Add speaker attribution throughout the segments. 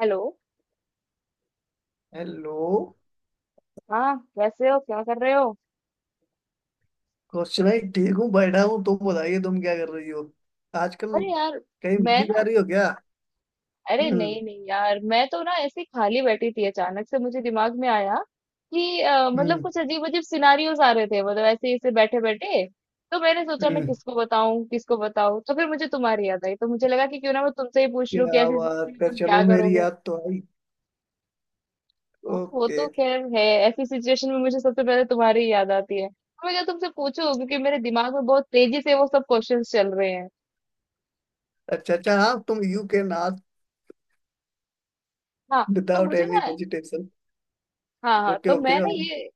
Speaker 1: Hello.
Speaker 2: Hello.
Speaker 1: हाँ, कैसे हो? क्या कर रहे हो?
Speaker 2: कौशिक भाई, ठीक हूँ, बैठा हूँ। तुम बताइए, तुम क्या कर रही हो आजकल?
Speaker 1: अरे यार।
Speaker 2: कहीं
Speaker 1: मैं
Speaker 2: बिजी जा
Speaker 1: ना
Speaker 2: रही हो क्या?
Speaker 1: अरे,
Speaker 2: हम्म।
Speaker 1: नहीं नहीं यार, मैं तो ना ऐसे ही खाली बैठी थी। अचानक से मुझे दिमाग में आया कि मतलब
Speaker 2: हम्म।
Speaker 1: कुछ अजीब अजीब सिनारियोज आ रहे थे, मतलब ऐसे ही ऐसे बैठे बैठे। तो मैंने सोचा मैं
Speaker 2: हम्म।
Speaker 1: किसको बताऊं किसको बताऊं, तो फिर मुझे तुम्हारी याद आई। तो मुझे लगा कि क्यों ना मैं तुमसे ही पूछ लूं कि
Speaker 2: क्या
Speaker 1: ऐसी सिचुएशन में
Speaker 2: बात है,
Speaker 1: तुम क्या
Speaker 2: चलो मेरी
Speaker 1: करोगे।
Speaker 2: याद तो आई।
Speaker 1: हाँ, वो
Speaker 2: ओके।
Speaker 1: तो खैर है। ऐसी सिचुएशन में मुझे सबसे पहले तुम्हारी ही याद आती है, तो मैं क्या तुमसे पूछूं क्योंकि मेरे दिमाग में बहुत तेजी से वो सब क्वेश्चंस चल रहे हैं।
Speaker 2: अच्छा अच्छा, हाँ तुम यू कैन आस्क
Speaker 1: हाँ। तो
Speaker 2: विदाउट
Speaker 1: मुझे ना
Speaker 2: एनी हेजिटेशन।
Speaker 1: हाँ हाँ,
Speaker 2: ओके ओके, हाँ।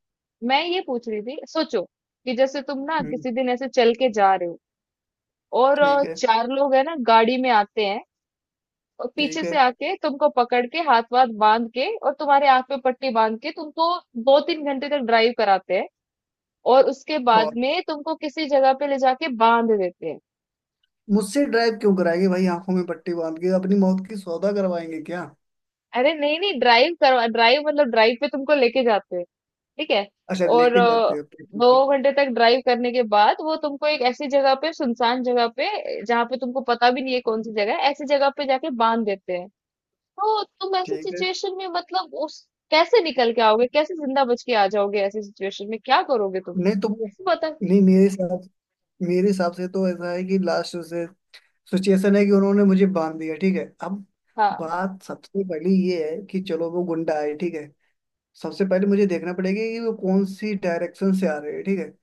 Speaker 1: मैं ये पूछ रही थी। सोचो कि जैसे तुम ना
Speaker 2: हम्म,
Speaker 1: किसी दिन ऐसे चल के जा रहे हो और
Speaker 2: ठीक है।
Speaker 1: चार लोग है ना गाड़ी में आते हैं और
Speaker 2: ठीक
Speaker 1: पीछे
Speaker 2: है।
Speaker 1: से आके तुमको पकड़ के हाथ वाथ बांध के और तुम्हारे आंख पे पट्टी बांध के तुमको 2-3 घंटे तक ड्राइव कराते हैं और उसके बाद
Speaker 2: और
Speaker 1: में तुमको किसी जगह पे ले जाके बांध देते हैं।
Speaker 2: मुझसे ड्राइव क्यों कराएंगे भाई? आंखों में पट्टी बांध के अपनी मौत की सौदा करवाएंगे क्या?
Speaker 1: अरे, नहीं नहीं, ड्राइव मतलब ड्राइव पे तुमको लेके जाते हैं। ठीक है।
Speaker 2: अच्छा,
Speaker 1: और
Speaker 2: लेके जाते हो, ठीक है।
Speaker 1: 2 घंटे तक ड्राइव करने के बाद वो तुमको एक ऐसी जगह पे, सुनसान जगह पे, जहाँ पे तुमको पता भी नहीं है कौन सी जगह है, ऐसी जगह पे जाके बांध देते हैं। तो तुम ऐसी
Speaker 2: ठीक है।
Speaker 1: सिचुएशन में मतलब उस कैसे निकल के आओगे? कैसे जिंदा बच के आ जाओगे? ऐसी सिचुएशन में क्या करोगे तुम?
Speaker 2: नहीं, तुम।
Speaker 1: पता।
Speaker 2: नहीं, मेरे साथ। मेरे हिसाब से तो ऐसा है कि लास्ट से सिचुएशन है कि उन्होंने मुझे बांध दिया, ठीक है। अब
Speaker 1: हाँ।
Speaker 2: बात सबसे पहले ये है कि चलो वो गुंडा है, ठीक है। सबसे पहले मुझे देखना पड़ेगा कि वो कौन सी डायरेक्शन से आ रहे हैं, ठीक है।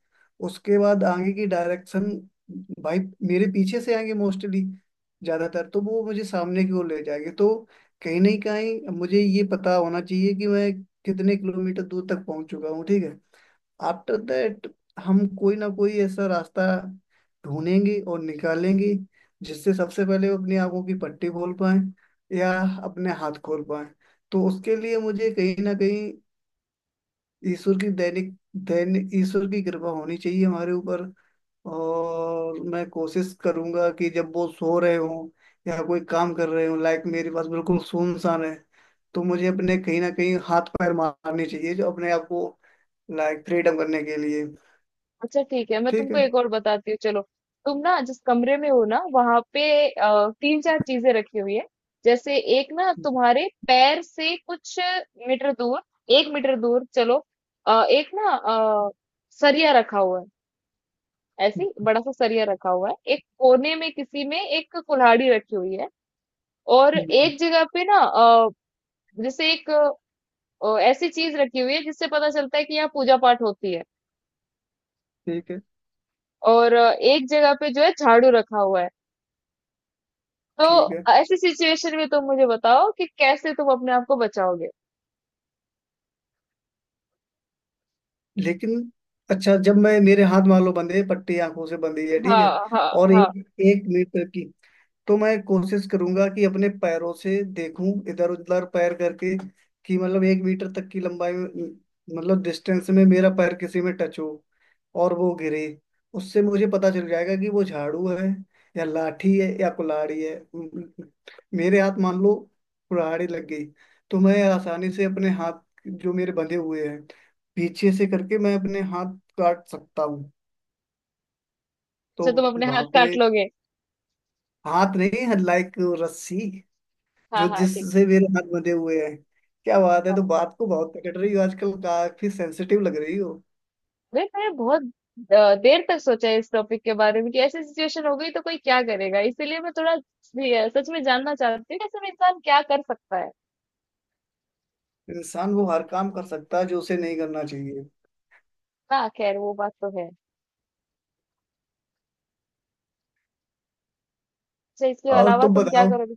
Speaker 2: उसके बाद आगे की डायरेक्शन, भाई, मेरे पीछे से आएंगे मोस्टली। ज्यादातर तो वो मुझे सामने की ओर ले जाएंगे, तो कहीं ना कहीं मुझे ये पता होना चाहिए कि मैं कितने किलोमीटर दूर तक पहुंच चुका हूँ, ठीक है। आफ्टर दैट हम कोई ना कोई ऐसा रास्ता ढूंढेंगे और निकालेंगे जिससे सबसे पहले वो अपनी आंखों की पट्टी खोल पाए या अपने हाथ खोल पाए। तो उसके लिए मुझे कहीं ना कहीं ईश्वर की दैनिक दैनिक ईश्वर की कृपा होनी चाहिए हमारे ऊपर। और मैं कोशिश करूंगा कि जब वो सो रहे हों या कोई काम कर रहे हों, लाइक मेरे पास बिल्कुल सुनसान है, तो मुझे अपने कहीं ना कहीं हाथ पैर मारने चाहिए जो अपने आप को लाइक फ्रीडम करने के लिए।
Speaker 1: अच्छा, ठीक है, मैं
Speaker 2: ठीक
Speaker 1: तुमको
Speaker 2: है।
Speaker 1: एक और बताती हूँ। चलो, तुम ना जिस कमरे में हो ना वहां पे तीन चार चीजें रखी हुई है। जैसे एक ना
Speaker 2: हम्म,
Speaker 1: तुम्हारे पैर से कुछ मीटर दूर, 1 मीटर दूर, चलो अ, एक ना अ, सरिया रखा हुआ है। ऐसी बड़ा सा सरिया रखा हुआ है एक कोने में। किसी में एक कुल्हाड़ी रखी हुई है। और एक जगह पे ना जैसे एक ऐसी चीज रखी हुई है जिससे पता चलता है कि यहाँ पूजा पाठ होती है।
Speaker 2: ठीक है।
Speaker 1: और एक जगह पे जो है झाड़ू रखा हुआ है।
Speaker 2: ठीक है,
Speaker 1: तो ऐसी सिचुएशन में तुम मुझे बताओ कि कैसे तुम अपने आप को बचाओगे।
Speaker 2: लेकिन अच्छा जब मैं, मेरे हाथ मान लो बंधे, पट्टी आंखों से बंधी है, ठीक
Speaker 1: हाँ,
Speaker 2: है।
Speaker 1: हाँ,
Speaker 2: और
Speaker 1: हाँ।
Speaker 2: एक एक मीटर की, तो मैं कोशिश करूंगा कि अपने पैरों से देखूं, इधर उधर पैर करके कि मतलब एक मीटर तक की लंबाई में, मतलब डिस्टेंस में, मेरा पैर किसी में टच हो और वो गिरे। उससे मुझे पता चल जाएगा कि वो झाड़ू है या लाठी है या कुल्हाड़ी है। मेरे हाथ मान लो कुल्हाड़ी लग गई तो मैं आसानी से अपने हाथ, जो मेरे बंधे हुए हैं, पीछे से करके मैं अपने हाथ काट सकता हूँ। तो
Speaker 1: अच्छा, तुम अपने
Speaker 2: वहां
Speaker 1: हाथ
Speaker 2: पे
Speaker 1: काट लोगे?
Speaker 2: हाथ नहीं है, लाइक रस्सी
Speaker 1: हाँ,
Speaker 2: जो,
Speaker 1: हाँ, ठीक है।
Speaker 2: जिससे मेरे हाथ बंधे हुए हैं। क्या बात है, तो
Speaker 1: हाँ।
Speaker 2: बात को बहुत पकड़ रही हो आजकल, काफी सेंसिटिव लग रही हो।
Speaker 1: अरे, मैंने बहुत देर तक सोचा इस टॉपिक के बारे में कि ऐसी सिचुएशन हो गई तो कोई क्या करेगा। इसीलिए मैं थोड़ा भी, सच में जानना चाहती हूँ कि असल में इंसान क्या कर सकता है।
Speaker 2: इंसान वो हर काम कर सकता है जो उसे नहीं करना चाहिए।
Speaker 1: हाँ, खैर वो बात तो है। अच्छा, इसके
Speaker 2: और
Speaker 1: अलावा
Speaker 2: तुम
Speaker 1: तुम क्या
Speaker 2: बताओ,
Speaker 1: करोगे?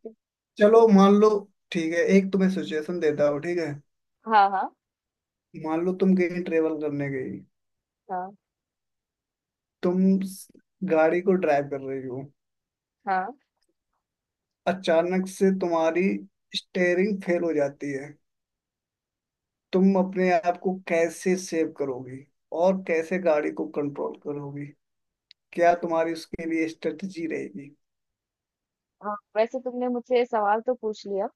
Speaker 2: चलो मान लो, ठीक है, एक तुम्हें सिचुएशन देता हूँ, ठीक है।
Speaker 1: हाँ, हाँ,
Speaker 2: मान लो तुम कहीं ट्रेवल करने गई,
Speaker 1: हाँ,
Speaker 2: तुम गाड़ी को ड्राइव कर रही हो,
Speaker 1: हाँ,
Speaker 2: अचानक से तुम्हारी स्टेयरिंग फेल हो जाती है। तुम अपने आप को कैसे सेव करोगी और कैसे गाड़ी को कंट्रोल करोगी? क्या तुम्हारी उसके लिए स्ट्रेटजी रहेगी?
Speaker 1: हाँ। वैसे तुमने मुझसे ये सवाल तो पूछ लिया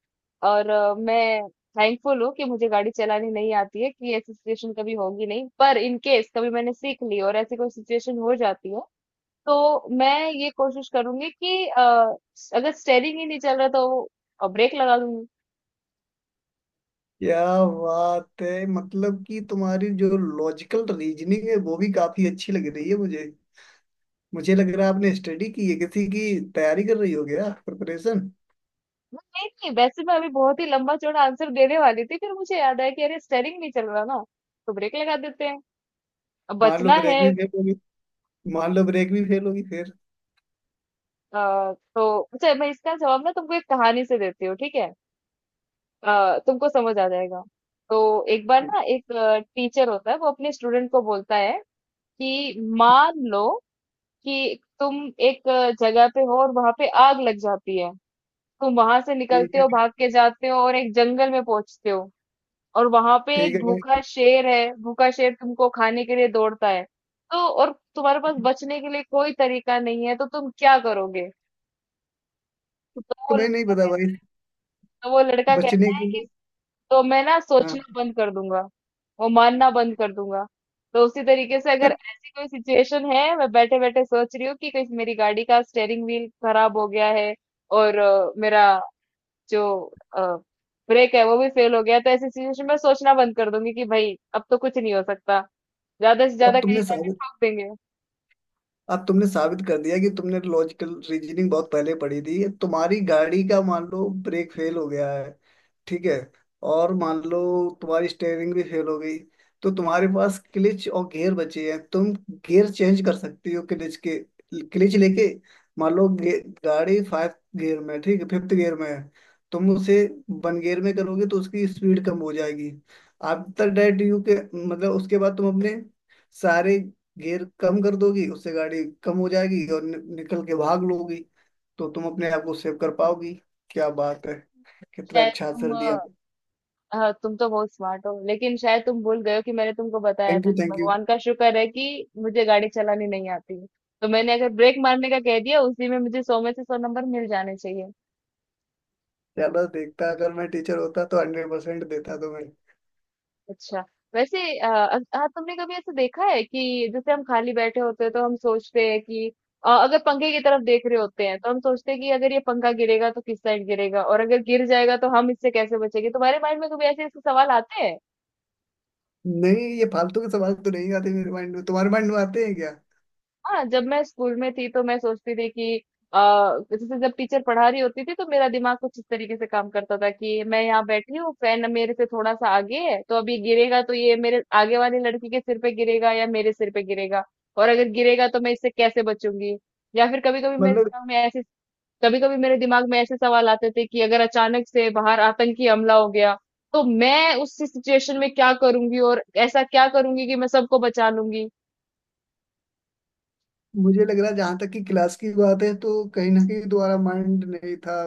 Speaker 1: और मैं थैंकफुल हूँ कि मुझे गाड़ी चलानी नहीं आती है कि ऐसी सिचुएशन कभी होगी नहीं। पर इन केस कभी मैंने सीख ली और ऐसी कोई सिचुएशन हो जाती है, तो मैं ये कोशिश करूंगी कि अगर स्टेयरिंग ही नहीं चल रहा तो ब्रेक लगा दूंगी।
Speaker 2: क्या बात है, मतलब कि तुम्हारी जो लॉजिकल रीजनिंग है वो भी काफी अच्छी लग रही है मुझे। मुझे लग रहा है आपने स्टडी की है, किसी की तैयारी कर रही हो, गया प्रिपरेशन।
Speaker 1: नहीं नहीं, वैसे मैं अभी बहुत ही लंबा चौड़ा आंसर देने वाली थी, फिर मुझे याद आया कि अरे स्टेयरिंग नहीं चल रहा ना, तो ब्रेक लगा देते हैं, अब
Speaker 2: मान लो
Speaker 1: बचना है।
Speaker 2: ब्रेक भी फेल होगी मान लो ब्रेक भी फेल होगी फिर।
Speaker 1: तो अच्छा, मैं इसका जवाब ना तुमको एक कहानी से देती हूँ। ठीक है, तुमको समझ आ जाएगा। तो एक बार ना एक टीचर होता है, वो अपने स्टूडेंट को बोलता है कि मान लो कि तुम एक जगह पे हो और वहां पे आग लग जाती है। तुम वहां से
Speaker 2: ठीक
Speaker 1: निकलते
Speaker 2: है।
Speaker 1: हो, भाग के जाते हो और एक जंगल में पहुंचते हो। और वहां पे
Speaker 2: ठीक
Speaker 1: एक
Speaker 2: है।
Speaker 1: भूखा शेर है। भूखा शेर तुमको खाने के लिए दौड़ता है। तो और तुम्हारे पास बचने के लिए कोई तरीका नहीं है, तो तुम क्या करोगे? तो वो
Speaker 2: तुम्हें नहीं
Speaker 1: लड़का
Speaker 2: पता, भाई?
Speaker 1: कहता, तो वो लड़का
Speaker 2: बचने
Speaker 1: कहता
Speaker 2: के
Speaker 1: है
Speaker 2: लिए?
Speaker 1: तो मैं ना
Speaker 2: हाँ।
Speaker 1: सोचना बंद कर दूंगा, वो मानना बंद कर दूंगा। तो उसी तरीके से अगर ऐसी कोई सिचुएशन है, मैं बैठे बैठे सोच रही हूँ कि कहीं मेरी गाड़ी का स्टेयरिंग व्हील खराब हो गया है और मेरा जो ब्रेक है वो भी फेल हो गया है, तो ऐसी सिचुएशन में सोचना बंद कर दूंगी कि भाई अब तो कुछ नहीं हो सकता। ज्यादा से ज्यादा
Speaker 2: अब
Speaker 1: कहीं
Speaker 2: तुमने
Speaker 1: जाके
Speaker 2: साबित
Speaker 1: ठोक देंगे।
Speaker 2: अब तुमने साबित कर दिया कि तुमने लॉजिकल रीजनिंग बहुत पहले पढ़ी थी। तुम्हारी गाड़ी का मान लो ब्रेक फेल हो गया है, ठीक है, और मान लो तुम्हारी स्टेयरिंग भी फेल हो गई, तो तुम्हारे पास क्लिच और गियर बचे हैं। तुम गियर चेंज कर सकती हो क्लिच के, क्लिच लेके, मान लो गाड़ी फाइव गियर में है, ठीक है, फिफ्थ गियर में है, तुम उसे वन गियर में करोगे तो उसकी स्पीड कम हो जाएगी। आफ्टर दैट यू के, मतलब उसके बाद तुम अपने सारे गियर कम कर दोगी, उससे गाड़ी कम हो जाएगी और निकल के भाग लोगी। तो तुम अपने आप को सेव कर पाओगी। क्या बात है, कितना
Speaker 1: शायद
Speaker 2: अच्छा
Speaker 1: तुम
Speaker 2: आंसर दिया।
Speaker 1: हाँ, तुम तो बहुत स्मार्ट हो लेकिन शायद तुम भूल गए हो कि मैंने तुमको बताया
Speaker 2: थैंक
Speaker 1: था
Speaker 2: यू,
Speaker 1: कि
Speaker 2: थैंक यू।
Speaker 1: भगवान का शुक्र है कि मुझे गाड़ी चलानी नहीं आती। तो मैंने अगर ब्रेक मारने का कह दिया उसी में मुझे 100 में से 100 नंबर मिल जाने चाहिए।
Speaker 2: ज्यादा देखता, अगर मैं टीचर होता तो 100% देता तुम्हें।
Speaker 1: अच्छा। वैसे हाँ, तुमने कभी ऐसा देखा है कि जैसे हम खाली बैठे होते हैं तो हम सोचते हैं कि अगर पंखे की तरफ देख रहे होते हैं तो हम सोचते हैं कि अगर ये पंखा गिरेगा तो किस साइड गिरेगा? और अगर गिर जाएगा तो हम इससे कैसे बचेंगे? तुम्हारे माइंड में कभी ऐसे ऐसे सवाल आते हैं?
Speaker 2: नहीं, ये फालतू के सवाल तो नहीं आते मेरे माइंड में, तुम्हारे माइंड में आते हैं क्या?
Speaker 1: हाँ, जब मैं स्कूल में थी तो मैं सोचती थी कि जैसे जब टीचर पढ़ा रही होती थी, तो मेरा दिमाग कुछ इस तरीके से काम करता था कि मैं यहाँ बैठी हूँ, फैन मेरे से थोड़ा सा आगे है, तो अभी गिरेगा तो ये मेरे आगे वाली लड़की के सिर पे गिरेगा या मेरे सिर पे गिरेगा? और अगर गिरेगा तो मैं इससे कैसे बचूंगी? या फिर कभी कभी मेरे
Speaker 2: मतलब
Speaker 1: दिमाग में ऐसे कभी कभी मेरे दिमाग में ऐसे सवाल आते थे कि अगर अचानक से बाहर आतंकी हमला हो गया तो मैं उस सिचुएशन में क्या करूंगी और ऐसा क्या करूंगी कि मैं सबको बचा लूंगी।
Speaker 2: मुझे लग रहा है जहां तक कि क्लास की बात है, तो कहीं ना कहीं तुम्हारा माइंड नहीं था,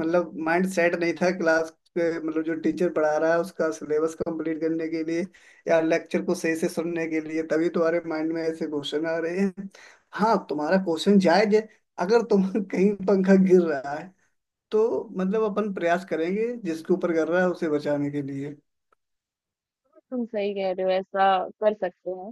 Speaker 2: मतलब माइंड सेट नहीं था क्लास के, मतलब जो टीचर पढ़ा रहा है उसका सिलेबस कंप्लीट करने के लिए या लेक्चर को सही से सुनने के लिए, तभी तुम्हारे माइंड में ऐसे क्वेश्चन आ रहे हैं। हाँ, तुम्हारा क्वेश्चन जायज है, अगर तुम कहीं पंखा गिर रहा है तो मतलब अपन प्रयास करेंगे जिसके ऊपर गिर रहा है उसे बचाने के लिए।
Speaker 1: तुम सही कह रहे हो, ऐसा कर सकते हैं।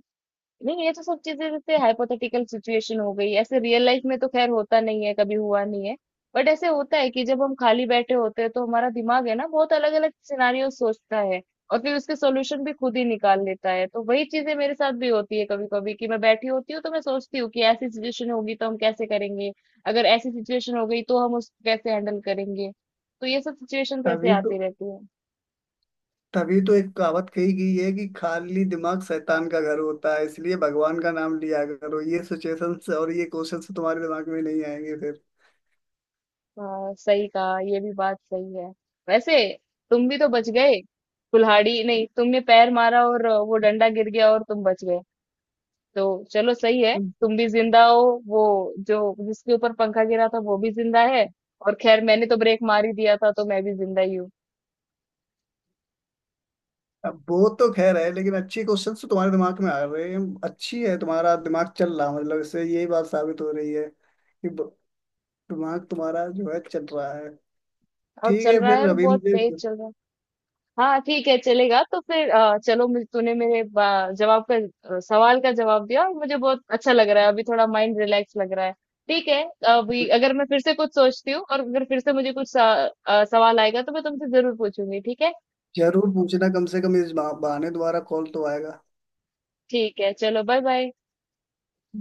Speaker 1: नहीं, ये तो सब चीजें जैसे हाइपोथेटिकल सिचुएशन हो गई। ऐसे रियल लाइफ में तो खैर होता नहीं है, कभी हुआ नहीं है। बट ऐसे होता है कि जब हम खाली बैठे होते हैं तो हमारा दिमाग है ना बहुत अलग अलग सिनारियो सोचता है, और फिर उसके सॉल्यूशन भी खुद ही निकाल लेता है। तो वही चीजें मेरे साथ भी होती है कभी कभी, कि मैं बैठी होती हूँ तो मैं सोचती हूँ कि ऐसी सिचुएशन होगी तो हम कैसे करेंगे? अगर ऐसी सिचुएशन हो गई तो हम उसको कैसे हैंडल करेंगे? तो ये सब सिचुएशन ऐसे
Speaker 2: तभी तो
Speaker 1: आती रहती है।
Speaker 2: तभी तो एक कहावत कही गई है कि खाली दिमाग शैतान का घर होता है, इसलिए भगवान का नाम लिया करो, ये सिचुएशंस और ये क्वेश्चंस तुम्हारे दिमाग में नहीं आएंगे फिर।
Speaker 1: हाँ, सही कहा, ये भी बात सही है। वैसे तुम भी तो बच गए। कुल्हाड़ी नहीं, तुमने पैर मारा और वो डंडा गिर गया और तुम बच गए। तो चलो, सही है, तुम भी जिंदा हो। वो जो जिसके ऊपर पंखा गिरा था वो भी जिंदा है। और खैर मैंने तो ब्रेक मार ही दिया था, तो मैं भी जिंदा ही हूँ।
Speaker 2: अब वो तो खैर है, लेकिन अच्छे क्वेश्चंस तो तुम्हारे दिमाग में आ रहे हैं। अच्छी है, तुम्हारा दिमाग चल रहा है, मतलब इससे यही बात साबित हो रही है कि दिमाग तुम्हारा जो है चल रहा है।
Speaker 1: और
Speaker 2: ठीक
Speaker 1: चल
Speaker 2: है,
Speaker 1: रहा है,
Speaker 2: फिर
Speaker 1: और
Speaker 2: अभी
Speaker 1: बहुत
Speaker 2: मुझे
Speaker 1: तेज चल रहा है। हाँ, ठीक है, चलेगा। तो फिर चलो, तूने मेरे बा- जवाब का अ, सवाल का जवाब दिया और मुझे बहुत अच्छा लग रहा है। अभी थोड़ा माइंड रिलैक्स लग रहा है। ठीक है, अभी अगर मैं फिर से कुछ सोचती हूँ और अगर फिर से मुझे कुछ सवाल आएगा तो मैं तुमसे जरूर पूछूंगी। ठीक है,
Speaker 2: जरूर पूछना, कम से कम इस बहाने दोबारा कॉल तो आएगा।
Speaker 1: ठीक है, चलो, बाय बाय।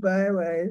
Speaker 2: Bye bye.